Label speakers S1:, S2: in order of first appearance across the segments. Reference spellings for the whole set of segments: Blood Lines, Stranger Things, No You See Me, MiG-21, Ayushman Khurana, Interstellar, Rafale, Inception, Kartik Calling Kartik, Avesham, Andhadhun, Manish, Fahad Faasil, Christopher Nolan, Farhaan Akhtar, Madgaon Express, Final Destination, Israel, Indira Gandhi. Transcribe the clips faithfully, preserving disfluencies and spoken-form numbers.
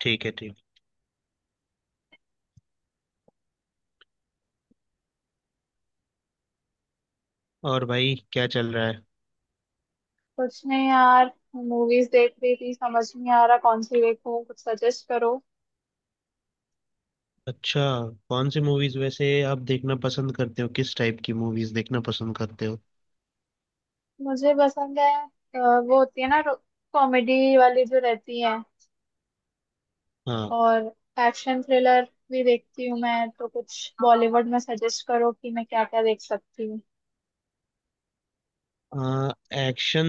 S1: ठीक है। ठीक। और भाई क्या चल रहा है?
S2: कुछ नहीं यार, मूवीज देख रही थी। समझ नहीं आ रहा कौन सी देखूं, कुछ सजेस्ट करो।
S1: अच्छा। कौन सी मूवीज वैसे आप देखना पसंद करते हो? किस टाइप की मूवीज देखना पसंद करते हो?
S2: मुझे पसंद है, अ, वो होती है ना, कॉमेडी वाली जो रहती है।
S1: हाँ।
S2: और एक्शन थ्रिलर भी देखती हूँ मैं, तो कुछ बॉलीवुड में सजेस्ट करो कि मैं क्या क्या देख सकती हूँ।
S1: आ, एक्शन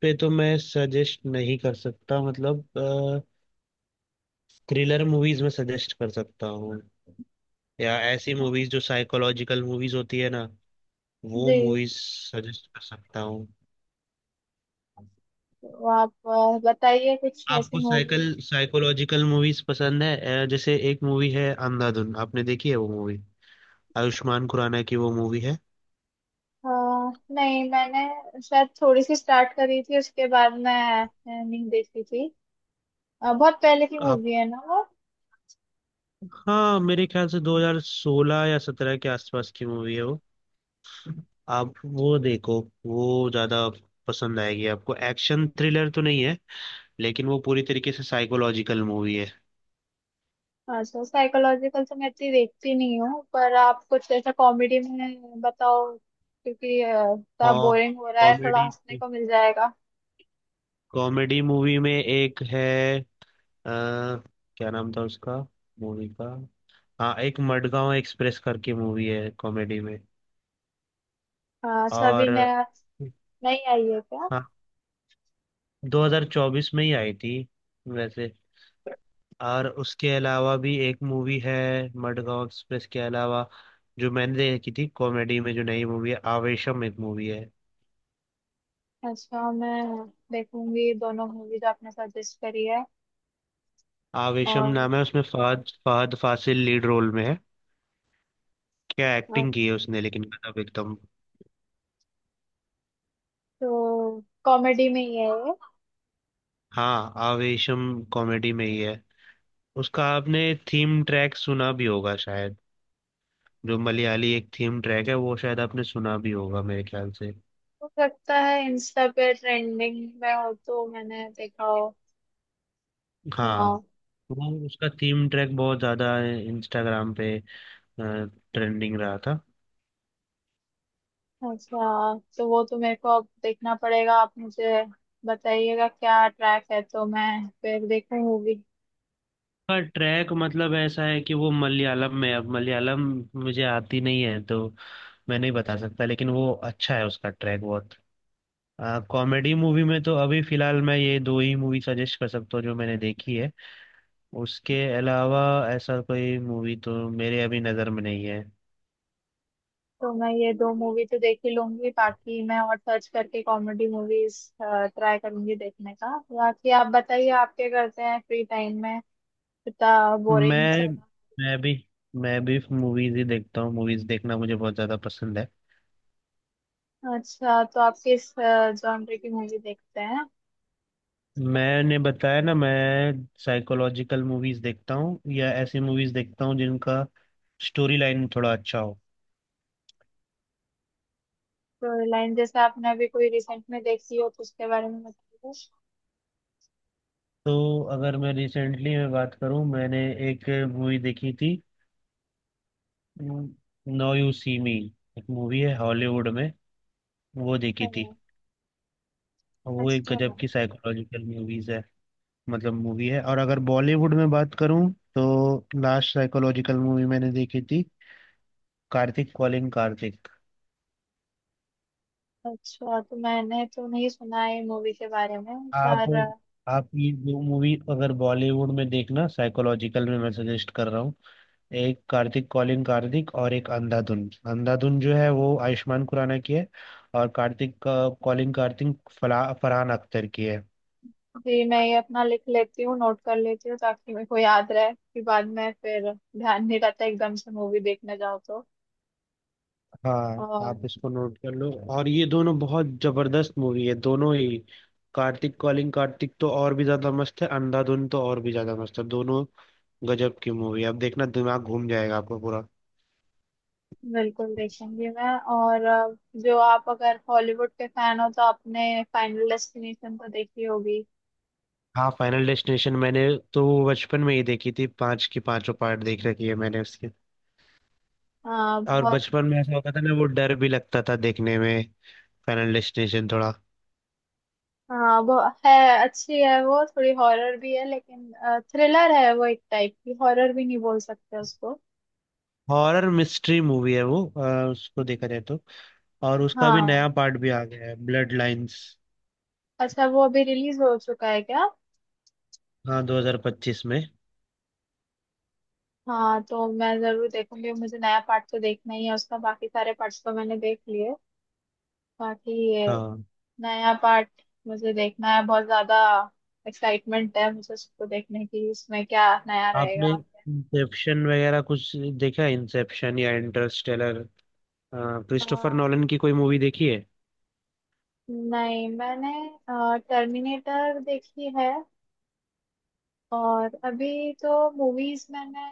S1: पे तो मैं सजेस्ट नहीं कर सकता, मतलब थ्रिलर मूवीज में सजेस्ट कर सकता हूँ, या ऐसी मूवीज जो साइकोलॉजिकल मूवीज होती है ना, वो
S2: जी।
S1: मूवीज सजेस्ट कर सकता हूँ।
S2: तो आप अ, बताइए कुछ ऐसी
S1: आपको साइकल
S2: मूवीज।
S1: साइकोलॉजिकल मूवीज पसंद है? अ, जैसे एक मूवी है अंधाधुन, आपने देखी है वो मूवी? आयुष्मान खुराना की वो मूवी है।
S2: नहीं, मैंने शायद थोड़ी सी स्टार्ट करी थी, उसके बाद मैं अ, नहीं देखी थी। अ, बहुत पहले की
S1: आप
S2: मूवी है ना वो।
S1: हाँ, मेरे ख्याल से दो हज़ार सोलह या सत्रह के आसपास की मूवी है वो। आप वो देखो, वो ज्यादा पसंद आएगी आपको। एक्शन थ्रिलर तो नहीं है लेकिन वो पूरी तरीके से साइकोलॉजिकल मूवी है।
S2: अच्छा, साइकोलॉजिकल तो मैं इतनी देखती नहीं हूँ, पर आप कुछ ऐसा कॉमेडी में बताओ क्योंकि अ, थोड़ा
S1: और
S2: बोरिंग हो रहा है, थोड़ा
S1: कॉमेडी,
S2: हंसने को मिल जाएगा।
S1: कॉमेडी मूवी में एक है, आ, क्या नाम था उसका, मूवी का? हाँ, एक मडगांव एक्सप्रेस करके मूवी है कॉमेडी में।
S2: हाँ, अच्छा। अभी
S1: और
S2: नया नहीं आई है क्या?
S1: हाँ, दो हज़ार चौबीस में ही आई थी वैसे। और उसके अलावा भी एक मूवी है, मडगांव एक्सप्रेस के अलावा, जो मैंने देखी थी कॉमेडी में, जो नई मूवी है, आवेशम एक मूवी है।
S2: अच्छा, मैं देखूंगी दोनों मूवी जो आपने सजेस्ट करी है।
S1: आवेशम
S2: और
S1: नाम है, उसमें फहद फहद फासिल लीड रोल में है। क्या
S2: अ,
S1: एक्टिंग की है उसने, लेकिन गजब एकदम।
S2: तो कॉमेडी में ही है ये?
S1: हाँ, आवेशम कॉमेडी में ही है। उसका आपने थीम ट्रैक सुना भी होगा शायद। जो मलयाली एक थीम ट्रैक है, वो शायद आपने सुना भी होगा, मेरे ख्याल से।
S2: हो सकता है, इंस्टा पे ट्रेंडिंग में हो तो मैंने देखा हो, सुना
S1: हाँ,
S2: हो।
S1: वो उसका थीम ट्रैक बहुत ज्यादा इंस्टाग्राम पे ट्रेंडिंग रहा था।
S2: अच्छा, तो वो तो मेरे को अब देखना पड़ेगा। आप मुझे बताइएगा क्या ट्रैक है तो मैं फिर देखूं मूवी।
S1: का ट्रैक मतलब ऐसा है कि वो मलयालम में, अब मलयालम मुझे आती नहीं है तो मैं नहीं बता सकता, लेकिन वो अच्छा है उसका ट्रैक बहुत। कॉमेडी मूवी में तो अभी फिलहाल मैं ये दो ही मूवी सजेस्ट कर सकता हूँ जो मैंने देखी है। उसके अलावा ऐसा कोई मूवी तो मेरे अभी नज़र में नहीं है।
S2: तो मैं ये दो मूवी तो देख ही लूंगी, बाकी मैं और सर्च करके कॉमेडी मूवीज ट्राई करूंगी देखने का। बाकी आप बताइए, आप क्या करते हैं फ्री टाइम में, इतना बोरिंग
S1: मैं
S2: चला।
S1: मैं भी मैं भी मूवीज ही देखता हूँ, मूवीज देखना मुझे बहुत ज़्यादा पसंद है।
S2: अच्छा, तो आप किस जॉनर की मूवी देखते हैं?
S1: मैंने बताया ना, मैं साइकोलॉजिकल मूवीज देखता हूँ, या ऐसी मूवीज देखता हूँ जिनका स्टोरी लाइन थोड़ा अच्छा हो।
S2: तो लाइन जैसे आपने अभी कोई रिसेंट में देखी हो तो उसके बारे में बताइए।
S1: तो अगर मैं रिसेंटली मैं बात करूँ, मैंने एक मूवी देखी थी, नो यू सी मी, एक मूवी है हॉलीवुड में, वो
S2: अ,
S1: देखी थी। वो एक
S2: अच्छा।
S1: गजब की साइकोलॉजिकल मूवीज है, मतलब मूवी है। और अगर बॉलीवुड में बात करूँ तो लास्ट साइकोलॉजिकल मूवी मैंने देखी थी कार्तिक कॉलिंग कार्तिक।
S2: अच्छा, तो मैंने तो नहीं सुना है मूवी के बारे में,
S1: आप
S2: पर
S1: आप ये दो मूवी अगर बॉलीवुड में देखना, साइकोलॉजिकल में मैं सजेस्ट कर रहा हूँ, एक कार्तिक कॉलिंग कार्तिक और एक अंधाधुन। अंधाधुन जो है वो आयुष्मान खुराना की है, और कार्तिक कॉलिंग कार्तिक फला फरहान अख्तर की है।
S2: अभी मैं ये अपना लिख लेती हूँ, नोट कर लेती हूँ, ताकि मेरे को याद रहे। कि बाद में फिर ध्यान नहीं रहता, एकदम से मूवी देखने जाओ तो।
S1: हाँ,
S2: और
S1: आप इसको नोट कर लो। और ये दोनों बहुत जबरदस्त मूवी है, दोनों ही। कार्तिक कॉलिंग कार्तिक तो और भी ज्यादा मस्त है, अंधाधुन तो और भी ज्यादा मस्त है, दोनों गजब की मूवी। आप देखना, दिमाग घूम जाएगा आपका पूरा।
S2: बिल्कुल देखेंगी मैं। और अ, जो आप अगर हॉलीवुड के फैन हो तो आपने फाइनल डेस्टिनेशन तो देखी होगी।
S1: हाँ, फाइनल डेस्टिनेशन मैंने तो वो बचपन में ही देखी थी, पांच की पांचों पार्ट देख रखी है मैंने उसके।
S2: हाँ
S1: और
S2: बहुत।
S1: बचपन में ऐसा होता था ना, वो डर भी लगता था देखने में, फाइनल डेस्टिनेशन थोड़ा।
S2: हाँ वो है, अच्छी है वो। थोड़ी हॉरर भी है लेकिन, थ्रिलर है वो एक टाइप की। हॉरर भी नहीं बोल सकते उसको।
S1: हॉरर मिस्ट्री मूवी है वो अ, उसको देखा जाए तो। और उसका भी
S2: हाँ।
S1: नया पार्ट भी आ गया है, ब्लड लाइंस।
S2: अच्छा, वो अभी रिलीज हो चुका है क्या?
S1: हाँ, दो हज़ार पच्चीस में।
S2: हाँ, तो मैं जरूर देखूंगी। मुझे नया पार्ट तो देखना ही है उसका, बाकी सारे पार्ट्स तो मैंने देख लिए। बाकी ये
S1: हाँ,
S2: नया पार्ट मुझे देखना है, बहुत ज्यादा एक्साइटमेंट है मुझे उसको देखने की। इसमें क्या नया
S1: आपने
S2: रहेगा?
S1: इंसेप्शन वगैरह कुछ देखा है? इंसेप्शन या इंटरस्टेलर,
S2: अ,
S1: क्रिस्टोफर नॉलन की कोई मूवी देखी है?
S2: नहीं, मैंने टर्मिनेटर देखी है। और अभी तो मूवीज मैंने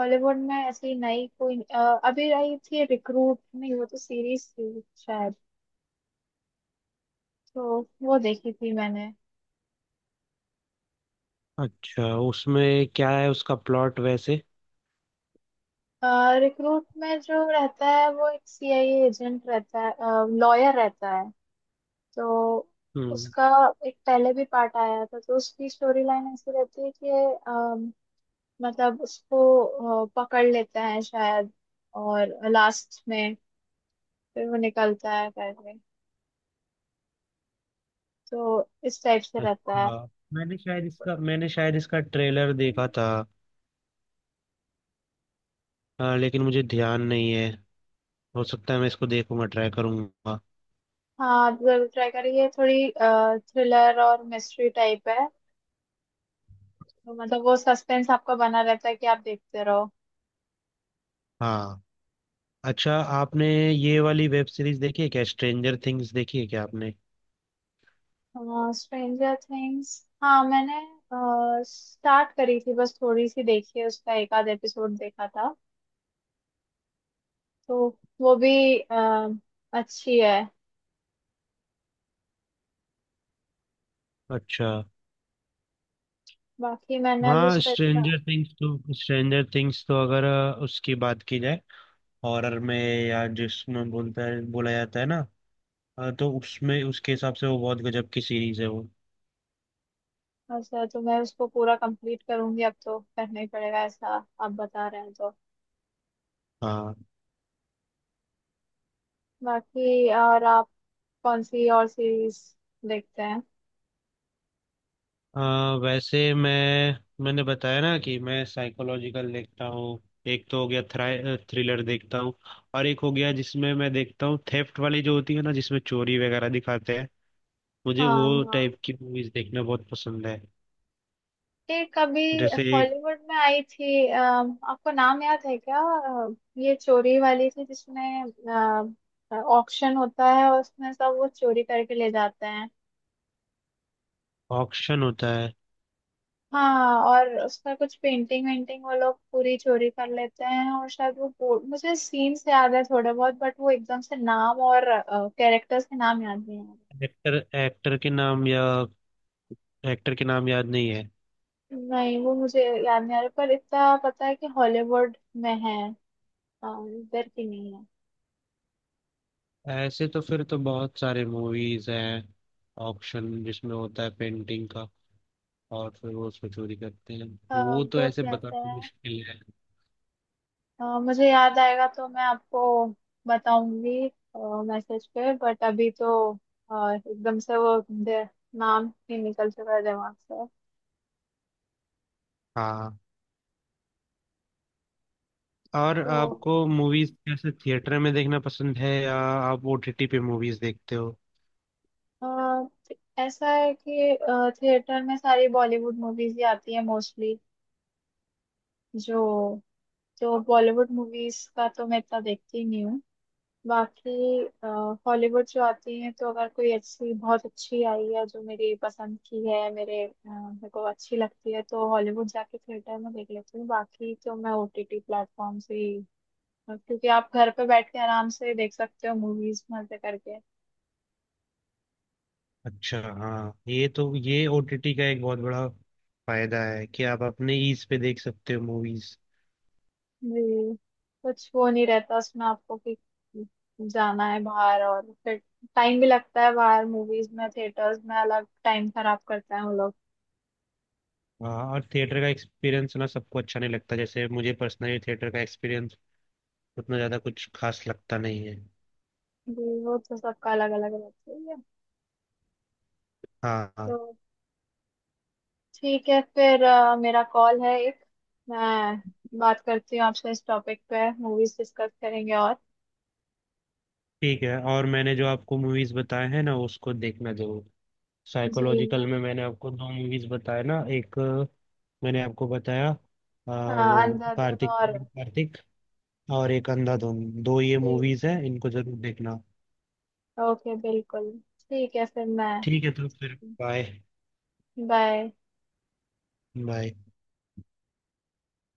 S2: हॉलीवुड में ऐसी नई कोई अ, अभी आई थी रिक्रूट, नहीं वो तो सीरीज थी शायद। तो वो देखी थी मैंने।
S1: अच्छा, उसमें क्या है, उसका प्लॉट वैसे?
S2: रिक्रूट में जो रहता है, वो एक सीआईए एजेंट रहता है, लॉयर रहता है। तो
S1: हम्म।
S2: उसका एक पहले भी पार्ट आया था। तो उसकी स्टोरी लाइन ऐसी रहती है कि अम, मतलब उसको अ, पकड़ लेता है शायद। और लास्ट में फिर वो निकलता है करके। तो इस टाइप से रहता है।
S1: अच्छा, मैंने शायद इसका मैंने शायद इसका ट्रेलर देखा था, अ, लेकिन मुझे ध्यान नहीं है। हो सकता है, मैं इसको देखूंगा, ट्राई करूंगा।
S2: हाँ, आप जरूर ट्राई करिए। थोड़ी थ्रिलर और मिस्ट्री टाइप है तो मतलब वो सस्पेंस आपका बना रहता है, कि आप देखते रहो।
S1: हाँ। अच्छा, आपने ये वाली वेब सीरीज देखी है क्या, स्ट्रेंजर थिंग्स देखी है क्या आपने?
S2: स्ट्रेंजर थिंग्स, हाँ मैंने स्टार्ट करी थी। बस थोड़ी सी देखी है, उसका एक आध एपिसोड देखा था। तो वो भी अ, अच्छी है।
S1: अच्छा।
S2: बाकी मैंने अभी उस
S1: हाँ,
S2: पर इतना।
S1: स्ट्रेंजर थिंग्स तो स्ट्रेंजर थिंग्स तो अगर अ, उसकी बात की जाए, हॉरर में या जिसमें बोलता है, बोला जाता है ना, अ, तो उसमें उसके हिसाब से वो बहुत गजब की सीरीज है वो।
S2: अच्छा, तो मैं उसको पूरा कंप्लीट करूंगी। अब तो करना ही पड़ेगा, ऐसा आप बता रहे हैं तो।
S1: हाँ
S2: बाकी और आप कौन सी और सीरीज देखते हैं?
S1: अ, वैसे मैं मैंने बताया ना कि मैं साइकोलॉजिकल देखता हूँ। एक तो हो गया थ्रा थ्रिलर देखता हूँ, और एक हो गया जिसमें मैं देखता हूँ, थेफ्ट वाली जो होती है ना, जिसमें चोरी वगैरह दिखाते हैं, मुझे
S2: हाँ,
S1: वो
S2: हाँ।
S1: टाइप की मूवीज देखना बहुत पसंद है।
S2: एक अभी
S1: जैसे एक
S2: हॉलीवुड में आई थी, अ, आपको नाम याद है क्या? अ, ये चोरी वाली थी, जिसमें ऑक्शन होता है और उसमें सब वो चोरी करके ले जाते हैं।
S1: ऑक्शन होता है।
S2: हाँ, और उसका कुछ पेंटिंग वेंटिंग वो लोग पूरी चोरी कर लेते हैं। और शायद वो बोर्ड। मुझे सीन्स याद है थोड़े बहुत, बट वो एकदम से नाम और कैरेक्टर्स के नाम याद नहीं आ
S1: एक्टर एक्टर के नाम या एक्टर के नाम याद नहीं है।
S2: रहे। नहीं, वो मुझे याद नहीं आ रहा, पर इतना पता है कि हॉलीवुड में है। अ, इधर की नहीं है।
S1: ऐसे तो फिर तो बहुत सारे मूवीज हैं, ऑक्शन जिसमें होता है पेंटिंग का और फिर वो उसको चोरी करते हैं, वो तो
S2: ग्रुप
S1: ऐसे
S2: रहता
S1: बताना
S2: है।
S1: मुश्किल है।
S2: अ, मुझे याद आएगा तो मैं आपको बताऊंगी मैसेज पे। बट अभी तो अ, एकदम से वो दे- नाम ही निकल चुका है दिमाग से।
S1: हाँ। और
S2: तो
S1: आपको मूवीज कैसे थिएटर में देखना पसंद है, या आप ओटीटी पे मूवीज देखते हो?
S2: अ, थ- ऐसा है कि थिएटर में सारी बॉलीवुड मूवीज ही आती है मोस्टली। जो जो बॉलीवुड मूवीज का तो मैं इतना देखती नहीं हूँ। बाकी हॉलीवुड जो आती है तो अगर कोई अच्छी, बहुत अच्छी आई है जो मेरी पसंद की है, मेरे अ, मेरे को अच्छी लगती है, तो हॉलीवुड जाके थिएटर में देख लेती हूँ। बाकी तो मैं ओटीटी प्लेटफॉर्म से ही, क्योंकि आप घर पे बैठ के आराम से देख सकते हो मूवीज मजे करके।
S1: अच्छा, हाँ, ये तो ये ओटीटी का एक बहुत बड़ा फायदा है कि आप अपने ईज पे देख सकते हो मूवीज।
S2: जी। कुछ वो नहीं रहता उसमें आपको कि जाना है बाहर, और फिर टाइम भी लगता है बाहर मूवीज में, थिएटर्स में अलग टाइम खराब करते हैं वो लोग।
S1: हाँ, और थिएटर का एक्सपीरियंस ना सबको अच्छा नहीं लगता, जैसे मुझे पर्सनली थिएटर का एक्सपीरियंस उतना ज़्यादा कुछ खास लगता नहीं है।
S2: जी, वो तो सबका अलग अलग रहता है।
S1: हाँ,
S2: तो
S1: हाँ।
S2: ठीक है फिर। अ, मेरा कॉल है एक। मैं बात करती हूँ आपसे, इस टॉपिक पे मूवीज डिस्कस करेंगे। और
S1: ठीक है, और मैंने जो आपको मूवीज बताए हैं ना, उसको देखना जरूर।
S2: जी मैं।
S1: साइकोलॉजिकल में मैंने आपको दो मूवीज बताए ना, एक मैंने आपको बताया आ,
S2: हाँ,
S1: वो
S2: अंधाधुन
S1: कार्तिक
S2: और।
S1: कार्तिक, और एक अंधाधुन, दो ये
S2: जी,
S1: मूवीज हैं, इनको जरूर देखना।
S2: ओके, बिल्कुल। ठीक है, फिर मैं।
S1: ठीक है तो फिर, बाय।
S2: बाय।
S1: बाय।